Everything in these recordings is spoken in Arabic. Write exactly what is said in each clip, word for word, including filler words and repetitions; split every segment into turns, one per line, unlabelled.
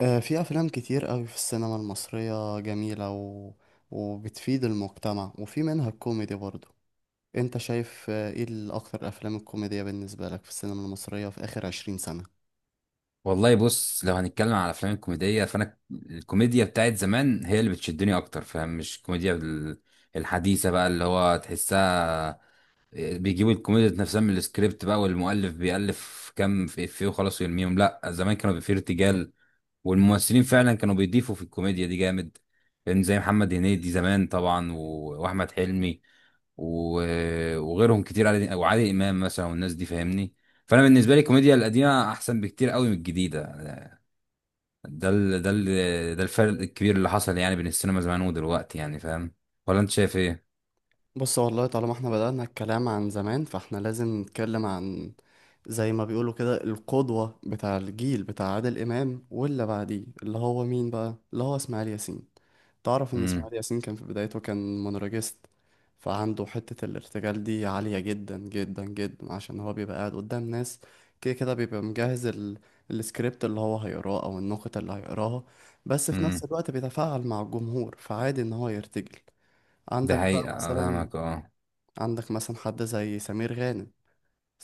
آه، في أفلام كتير قوي في السينما المصرية جميلة و... وبتفيد المجتمع، وفي منها الكوميدي برضو. أنت شايف آه، إيه الأكتر أفلام الكوميدية بالنسبة لك في السينما المصرية في آخر عشرين سنة؟
والله بص، لو هنتكلم على الافلام الكوميديه فانا الكوميديا بتاعت زمان هي اللي بتشدني اكتر. فاهم؟ مش الكوميديا ال- الحديثه بقى اللي هو تحسها بيجيبوا الكوميديا نفسها من السكريبت بقى، والمؤلف بيألف كام في افيه وخلاص ويرميهم. لا، زمان كانوا بيبقى فيه ارتجال، والممثلين فعلا كانوا بيضيفوا في الكوميديا دي جامد. فاهم؟ زي محمد هنيدي زمان طبعا، و- واحمد حلمي، و- وغيرهم كتير. عادل- وعادل امام مثلا، والناس دي فاهمني. فانا بالنسبه لي الكوميديا القديمه احسن بكتير قوي من الجديده. ده ال... ده ال... ده الفرق الكبير اللي حصل يعني بين السينما زمان ودلوقتي. يعني فاهم؟ ولا انت شايف ايه؟
بص والله، طالما احنا بدأنا الكلام عن زمان فاحنا لازم نتكلم عن زي ما بيقولوا كده، القدوة بتاع الجيل بتاع عادل إمام واللي بعديه اللي هو مين بقى؟ اللي هو إسماعيل ياسين. تعرف ان
امم
اسماعيل ياسين كان في بدايته كان مونولوجيست، فعنده حتة الارتجال دي عالية جدا جدا جدا، عشان هو بيبقى قاعد قدام ناس. كده كده بيبقى مجهز ال... السكريبت اللي هو هيقراه او النقطة اللي هيقراها، بس في نفس
امم
الوقت بيتفاعل مع الجمهور، فعادي ان هو يرتجل.
ده
عندك بقى
حقيقة
مثلا،
فاهمك اه.
عندك مثلا حد زي سمير غانم.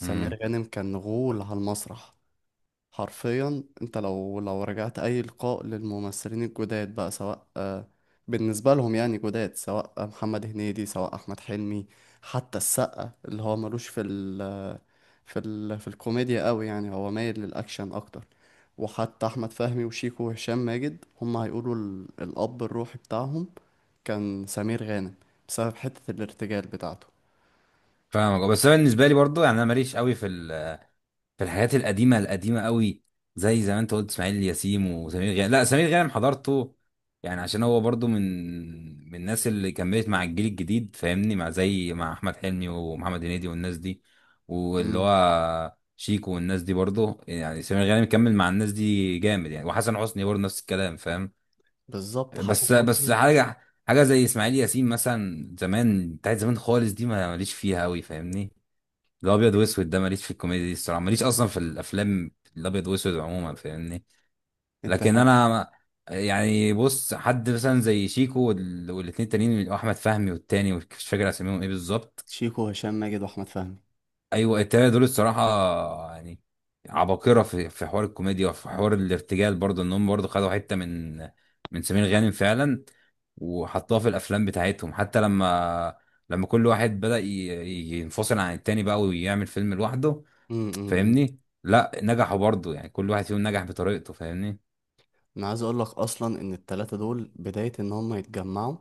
امم
غانم كان غول على المسرح. حرفيا انت لو لو رجعت اي لقاء للممثلين الجداد بقى، سواء آه، بالنسبه لهم يعني جداد، سواء محمد هنيدي سواء احمد حلمي، حتى السقا اللي هو ملوش في ال في ال في الكوميديا قوي، يعني هو مايل للاكشن اكتر. وحتى احمد فهمي وشيكو وهشام ماجد هم هيقولوا ال- الاب الروحي بتاعهم كان سمير غانم، بسبب حته الارتجال بتاعته.
فاهمك آه. بس انا بالنسبة لي برضو، يعني انا ماليش قوي في ال... في الحاجات القديمه القديمه قوي. زي زي ما انت قلت اسماعيل ياسين وسمير غانم، لا سمير غانم حضرته يعني، عشان هو برضو من من الناس اللي كملت مع الجيل الجديد. فاهمني؟ مع زي مع احمد حلمي ومحمد هنيدي والناس دي، واللي
امم،
هو شيكو والناس دي برضو يعني سمير غانم كمل مع الناس دي جامد يعني، وحسن حسني برضه نفس الكلام. فاهم؟
بالظبط، حسن
بس بس
حسني.
حاجه، حاجه زي اسماعيل ياسين مثلا زمان بتاعت زمان خالص دي ما ماليش فيها قوي. فاهمني؟ الابيض واسود ده ماليش في الكوميديا دي الصراحه، ماليش اصلا في الافلام الابيض واسود عموما. فاهمني؟
انت،
لكن انا يعني بص، حد مثلا زي شيكو وال- والاتنين التانيين احمد فهمي والتاني مش فاكر اساميهم ايه بالظبط.
شيكو وهشام ماجد واحمد فهمي.
ايوه، التلاته دول الصراحه يعني عباقره في في حوار الكوميديا وفي حوار الارتجال برضه، ان هم برضه خدوا حته من من سمير غانم فعلا، وحطوها في الافلام بتاعتهم. حتى لما لما كل واحد بدأ ي- ي- ينفصل عن التاني بقى ويعمل فيلم لوحده.
امم أمم.
فاهمني؟ لا، نجحوا برضه، يعني كل واحد فيهم نجح بطريقته. فاهمني؟
انا عايز اقول لك اصلا ان التلاتة دول بداية ان هم يتجمعوا،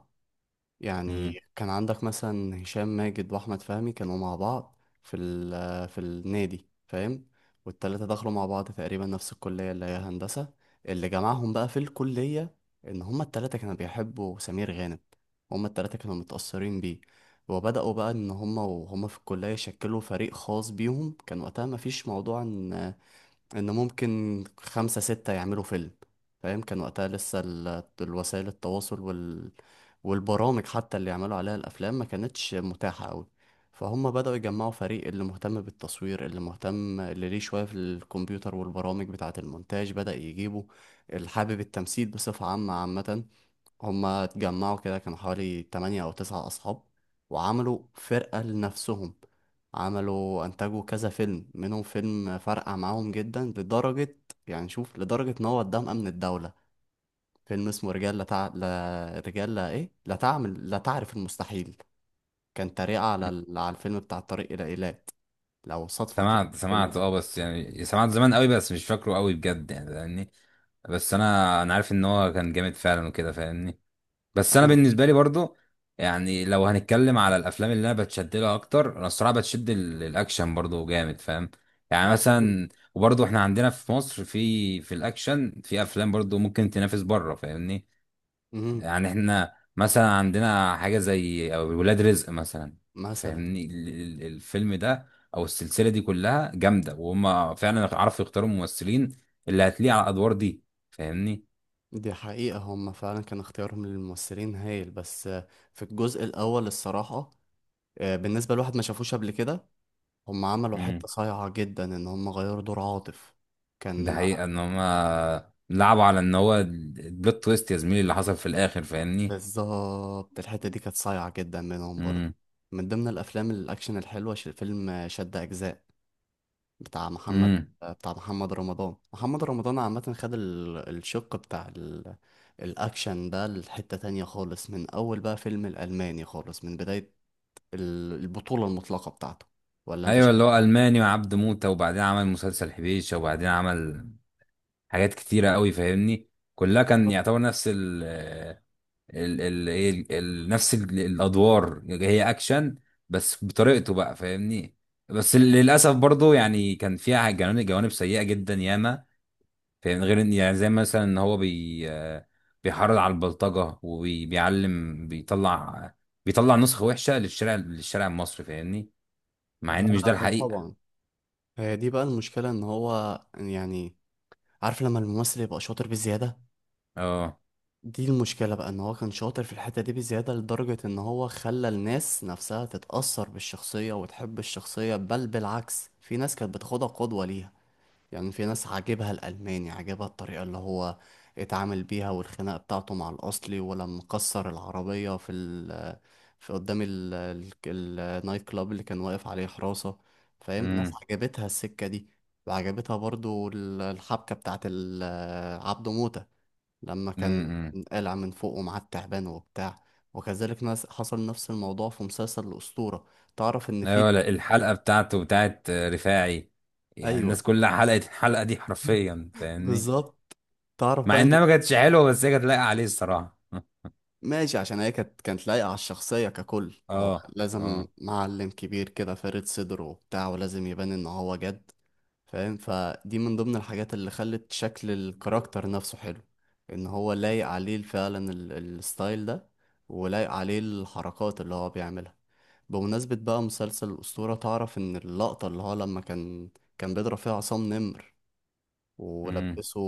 يعني
امم
كان عندك مثلا هشام ماجد واحمد فهمي كانوا مع بعض في ال في النادي، فاهم؟ والتلاتة دخلوا مع بعض تقريبا نفس الكلية اللي هي هندسة. اللي جمعهم بقى في الكلية ان هم التلاتة كانوا بيحبوا سمير غانم، هم التلاتة كانوا متأثرين بيه، وبدأوا بقى ان هم وهم في الكلية يشكلوا فريق خاص بيهم. كان وقتها مفيش موضوع ان ان ممكن خمسة ستة يعملوا فيلم، فاهم؟ كان وقتها لسه ال- الوسائل التواصل وال... والبرامج حتى اللي يعملوا عليها الافلام ما كانتش متاحة قوي. فهم بدأوا يجمعوا فريق، اللي مهتم بالتصوير، اللي مهتم، اللي ليه شوية في الكمبيوتر والبرامج بتاعة المونتاج بدأ يجيبه، اللي حابب التمثيل بصفة عامة عامة. هما اتجمعوا كده كانوا حوالي تمانية أو تسعة أصحاب، وعملوا فرقة لنفسهم. عملوا، أنتجوا كذا فيلم، منهم فيلم فرقع معاهم جدا لدرجة، يعني شوف، لدرجة إن هو قدام أمن الدولة. فيلم اسمه رجال لا تع... لا رجال لا إيه لا تعمل لا تعرف المستحيل. كان تريقة على ال... على الفيلم بتاع الطريق إلى إيلات. لو صدفة كده،
سمعت
الفيلم
سمعت
ده.
اه، بس يعني سمعت زمان قوي بس مش فاكره قوي بجد يعني. فاهمني؟ بس انا انا عارف ان هو كان جامد فعلا وكده. فاهمني؟ بس انا
أيوه.
بالنسبه لي برضو يعني، لو هنتكلم على الافلام اللي انا بتشد لها اكتر، انا الصراحه بتشد ال- الاكشن برضو جامد. فاهم؟ يعني
جميل.
مثلا وبرضو احنا عندنا في مصر في في الاكشن في افلام برضو ممكن تنافس بره. فاهمني؟
مم.
يعني احنا مثلا عندنا حاجة زي أو ولاد رزق مثلا.
مثلا.
فاهمني؟ ال- ال- الفيلم ده او السلسلة دي كلها جامدة، وهم فعلا عرفوا يختاروا الممثلين اللي هتليق على الادوار دي. فاهمني؟
دي حقيقة هم فعلا كان اختيارهم للممثلين هايل، بس آه، في الجزء الأول الصراحة، آه، بالنسبة لواحد ما شافوش قبل كده، هم عملوا
امم
حتة صايعة جدا إن هم غيروا دور عاطف.
ده
كان،
حقيقة ان هم لعبوا على ان هو البلوت تويست يا زميلي اللي حصل في الاخر. فاهمني؟
بالظبط الحتة دي كانت صايعة جدا منهم برضه.
امم.
من ضمن الأفلام الأكشن الحلوة ش- فيلم آه، شد أجزاء بتاع محمد،
امم.
آه، بتاع محمد رمضان. محمد رمضان عامة خد ال- الشق بتاع ال... الأكشن ده لحتة تانية خالص، من أول بقى فيلم الألماني، خالص من بداية ال- البطولة المطلقة بتاعته. ولا انت
ايوه، اللي
شايف
هو
ايه؟
الماني وعبد موتة، وبعدين عمل مسلسل حبيشة، وبعدين عمل حاجات كتيرة قوي. فاهمني؟ كلها كان
بالظبط.
يعتبر نفس ال ال ايه ال ال- نفس ال- الادوار، هي اكشن بس بطريقته بقى. فاهمني؟ بس للاسف برضو يعني كان فيها جوانب جوانب سيئه جدا ياما. فاهمني؟ غير ان يعني زي مثلا ان هو بي آه، بيحرض على البلطجه وبيعلم، بيطلع بيطلع نسخه وحشه للشارع، للشارع المصري. فاهمني؟ مع ان مش ده
ده
الحقيقه.
طبعا، هي دي بقى المشكلة ان هو، يعني، عارف لما الممثل يبقى شاطر بزيادة؟
اه.
دي المشكلة بقى، ان هو كان شاطر في الحتة دي بزيادة لدرجة ان هو خلى الناس نفسها تتأثر بالشخصية وتحب الشخصية، بل بالعكس في ناس كانت بتاخدها قدوة ليها. يعني في ناس عاجبها الألماني، عاجبها الطريقة اللي هو اتعامل بيها والخناقة بتاعته مع الأصلي، ولما كسر العربية في ال، في قدام ال- ال- النايت كلاب اللي كان واقف عليه حراسة. فاهم؟ ناس
امم.
عجبتها السكة دي، وعجبتها برضو ال- الحبكة بتاعت ال- عبده موتة لما كان
امم.
قلع من فوقه مع التعبان وبتاع. وكذلك ناس، حصل نفس الموضوع في مسلسل الأسطورة. تعرف إن في،
ايوه، لا، الحلقه بتاعته بتاعت آه، رفاعي، يعني
أيوه،
الناس كلها حلقت الحلقه دي حرفيا. فاهمني؟
بالظبط. تعرف
مع
بقى،
انها ما كانتش حلوه بس هي كانت لايقه عليه الصراحه.
ماشي، عشان هي كانت، كانت لايقة على الشخصية. ككل هو
اه.
لازم
اه.
معلم كبير كده فارد صدره وبتاع، ولازم يبان ان هو جد. فاهم؟ فدي من ضمن الحاجات اللي خلت شكل الكاركتر نفسه حلو، ان هو لايق عليه فعلا ال- الستايل ده، ولايق عليه الحركات اللي هو بيعملها. بمناسبة بقى مسلسل الأسطورة، تعرف ان اللقطة اللي هو لما كان كان بيضرب فيها عصام نمر
امم
ولبسه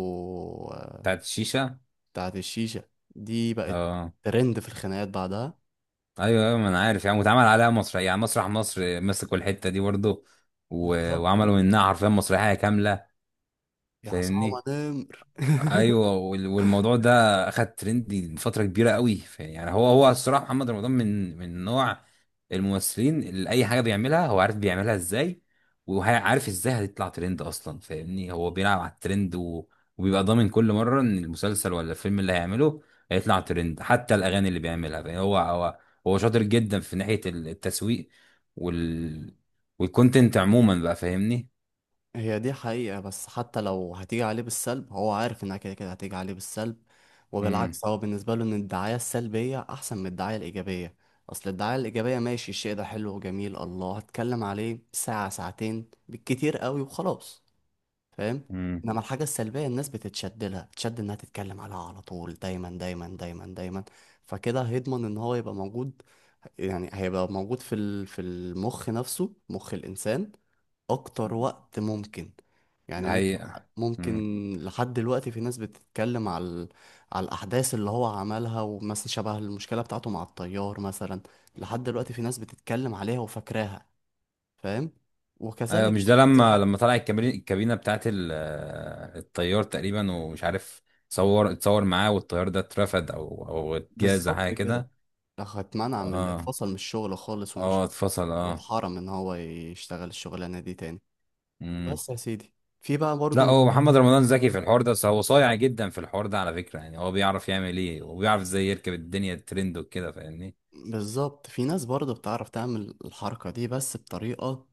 بتاعت الشيشه.
بتاعة الشيشة، دي بقت
اه.
ترند في الخناقات بعدها.
ايوه ايوه، ما انا عارف يعني، واتعمل عليها مسرح يعني مسرح مصر مسكوا الحته دي برضه، و...
بالظبط.
وعملوا منها حرفيا مسرحيه كامله.
يا عصام
فاهمني؟
نمر
ايوه، وال- والموضوع ده اخد ترند لفتره كبيره قوي. ف- يعني هو هو الصراحه محمد رمضان من من نوع الممثلين اللي اي حاجه بيعملها هو عارف بيعملها ازاي، وعارف ازاي هتطلع ترند اصلا. فاهمني؟ هو بيلعب على الترند و... وبيبقى ضامن كل مره ان المسلسل ولا الفيلم اللي هيعمله هيطلع ترند، حتى الاغاني اللي بيعملها. فاهم؟ هو هو هو شاطر جدا في ناحيه التسويق وال والكونتنت عموما بقى. فاهمني؟
هي دي حقيقة، بس حتى لو هتيجي عليه بالسلب، هو عارف انها كده كده هتيجي عليه بالسلب،
امم
وبالعكس هو بالنسبة له ان الدعاية السلبية احسن من الدعاية الايجابية. اصل الدعاية الايجابية، ماشي الشيء ده حلو وجميل، الله، هتكلم عليه ساعة ساعتين بالكتير قوي وخلاص. فاهم؟
امم
انما الحاجة السلبية الناس بتتشد لها، تشد انها تتكلم عليها على طول دايما دايما دايما دايما، فكده هيضمن ان هو يبقى موجود. يعني هيبقى موجود في ال- في المخ نفسه، مخ الإنسان، أكتر وقت ممكن. يعني
ده
ممكن،
حقيقه.
ممكن
امم.
لحد دلوقتي في ناس بتتكلم على ال- على الأحداث اللي هو عملها، ومثلا شبه المشكلة بتاعته مع الطيار مثلا. لحد دلوقتي في ناس بتتكلم عليها وفاكراها. فاهم؟
ايوه،
وكذلك،
مش ده
كذا
لما
حاجة.
لما طلع الكابري- الكابينه بتاعت ال- آه، الطيار تقريبا، ومش عارف اتصور اتصور معاه، والطيار ده اترفد او او اتجاز حاجه
بالظبط كده.
كده.
لو هتمنع، من
اه.
اتفصل من الشغل خالص
اه،
ومش،
اتفصل اه.
واتحرم ان هو يشتغل الشغلانة دي تاني.
امم
بس يا سيدي، في بقى
لا،
برضه،
هو محمد رمضان ذكي في الحوار ده، بس هو صايع جدا في الحوار ده على فكره، يعني هو بيعرف يعمل ايه وبيعرف ازاي يركب الدنيا الترند وكده. فاهمني؟
بالظبط، في ناس برضه بتعرف تعمل الحركة دي بس بطريقة،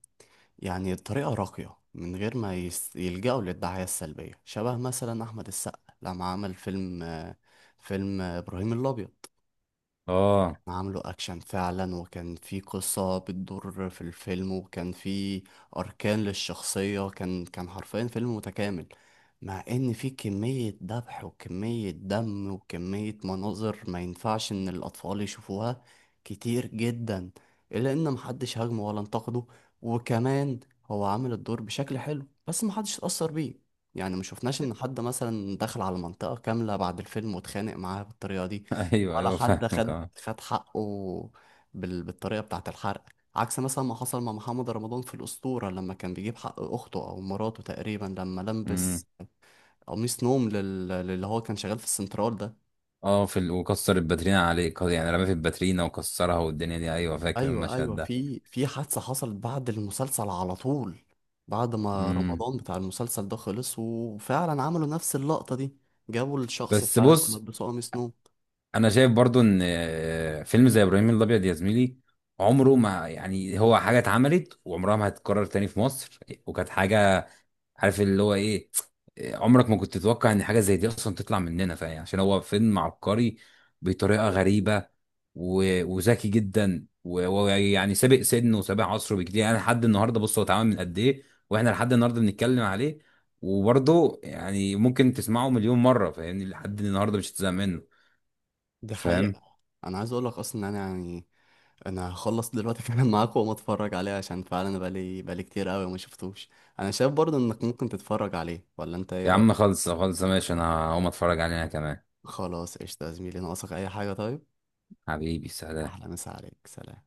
يعني طريقة راقية، من غير ما يس- يلجأوا للدعاية السلبية. شبه مثلا أحمد السقا لما عمل فيلم آه، فيلم آه، إبراهيم الأبيض.
اه.
عامله اكشن فعلا، وكان في قصة بتدور في الفيلم، وكان في اركان للشخصية. كان كان حرفيا فيلم متكامل، مع ان في كمية ذبح وكمية دم وكمية مناظر ما ينفعش ان الاطفال يشوفوها كتير جدا، الا ان محدش هاجمه ولا انتقده. وكمان هو عامل الدور بشكل حلو، بس محدش اتأثر بيه، يعني ما شفناش ان حد مثلا دخل على منطقة كاملة بعد الفيلم واتخانق معاها بالطريقة دي،
ايوه
ولا
ايوه
حد
فاهمك
خد
اه.
خد حقه بال... بالطريقة بتاعة الحرق. عكس مثلا ما حصل مع محمد رمضان في الأسطورة، لما كان بيجيب حق أخته أو مراته تقريبا، لما
امم.
لبس قميص نوم لل... للي هو كان شغال في السنترال ده.
اه، في ال... وكسر الباترينا عليه، يعني رمى في الباترينا وكسرها والدنيا دي. ايوه، فاكر
أيوة
المشهد
أيوة،
ده.
في في حادثة حصلت بعد المسلسل على طول، بعد ما
امم
رمضان بتاع المسلسل ده خلص، وفعلا عملوا نفس اللقطة دي، جابوا الشخص
بس
فعلا
بص،
ولبسوه قميص نوم.
انا شايف برضو ان آه، فيلم زي ابراهيم الابيض يا زميلي عمره ما، يعني هو حاجه اتعملت وعمرها ما هتتكرر تاني في مصر. وكانت حاجه، عارف اللي هو ايه، آه، عمرك ما كنت تتوقع ان حاجه زي دي اصلا تطلع مننا. فاهم؟ عشان هو فيلم عبقري بطريقه غريبه، و- وذكي جدا، و- ويعني سابق سنه وسابق عصره بكتير. يعني لحد النهارده بص هو اتعمل من قد ايه، واحنا لحد النهارده بنتكلم عليه. وبرضه يعني ممكن تسمعه مليون مره، فاهمني؟ لحد النهارده مش هتزهق منه.
دي
فاهم؟
حقيقة. أنا عايز أقول لك أصلا إن أنا، يعني، انا هخلص دلوقتي فعلا معاك وما اتفرج عليه، عشان فعلا انا بقالي بقالي كتير قوي وما شفتوش. انا شايف برضه انك ممكن تتفرج عليه، ولا انت ايه
يا عم
رايك؟
خلص خلص ماشي، انا هقوم اتفرج عليها كمان.
خلاص قشطه يا زميلي، ناقصك اي حاجه طيب؟
حبيبي، سلام.
احلى مسا عليك، سلام.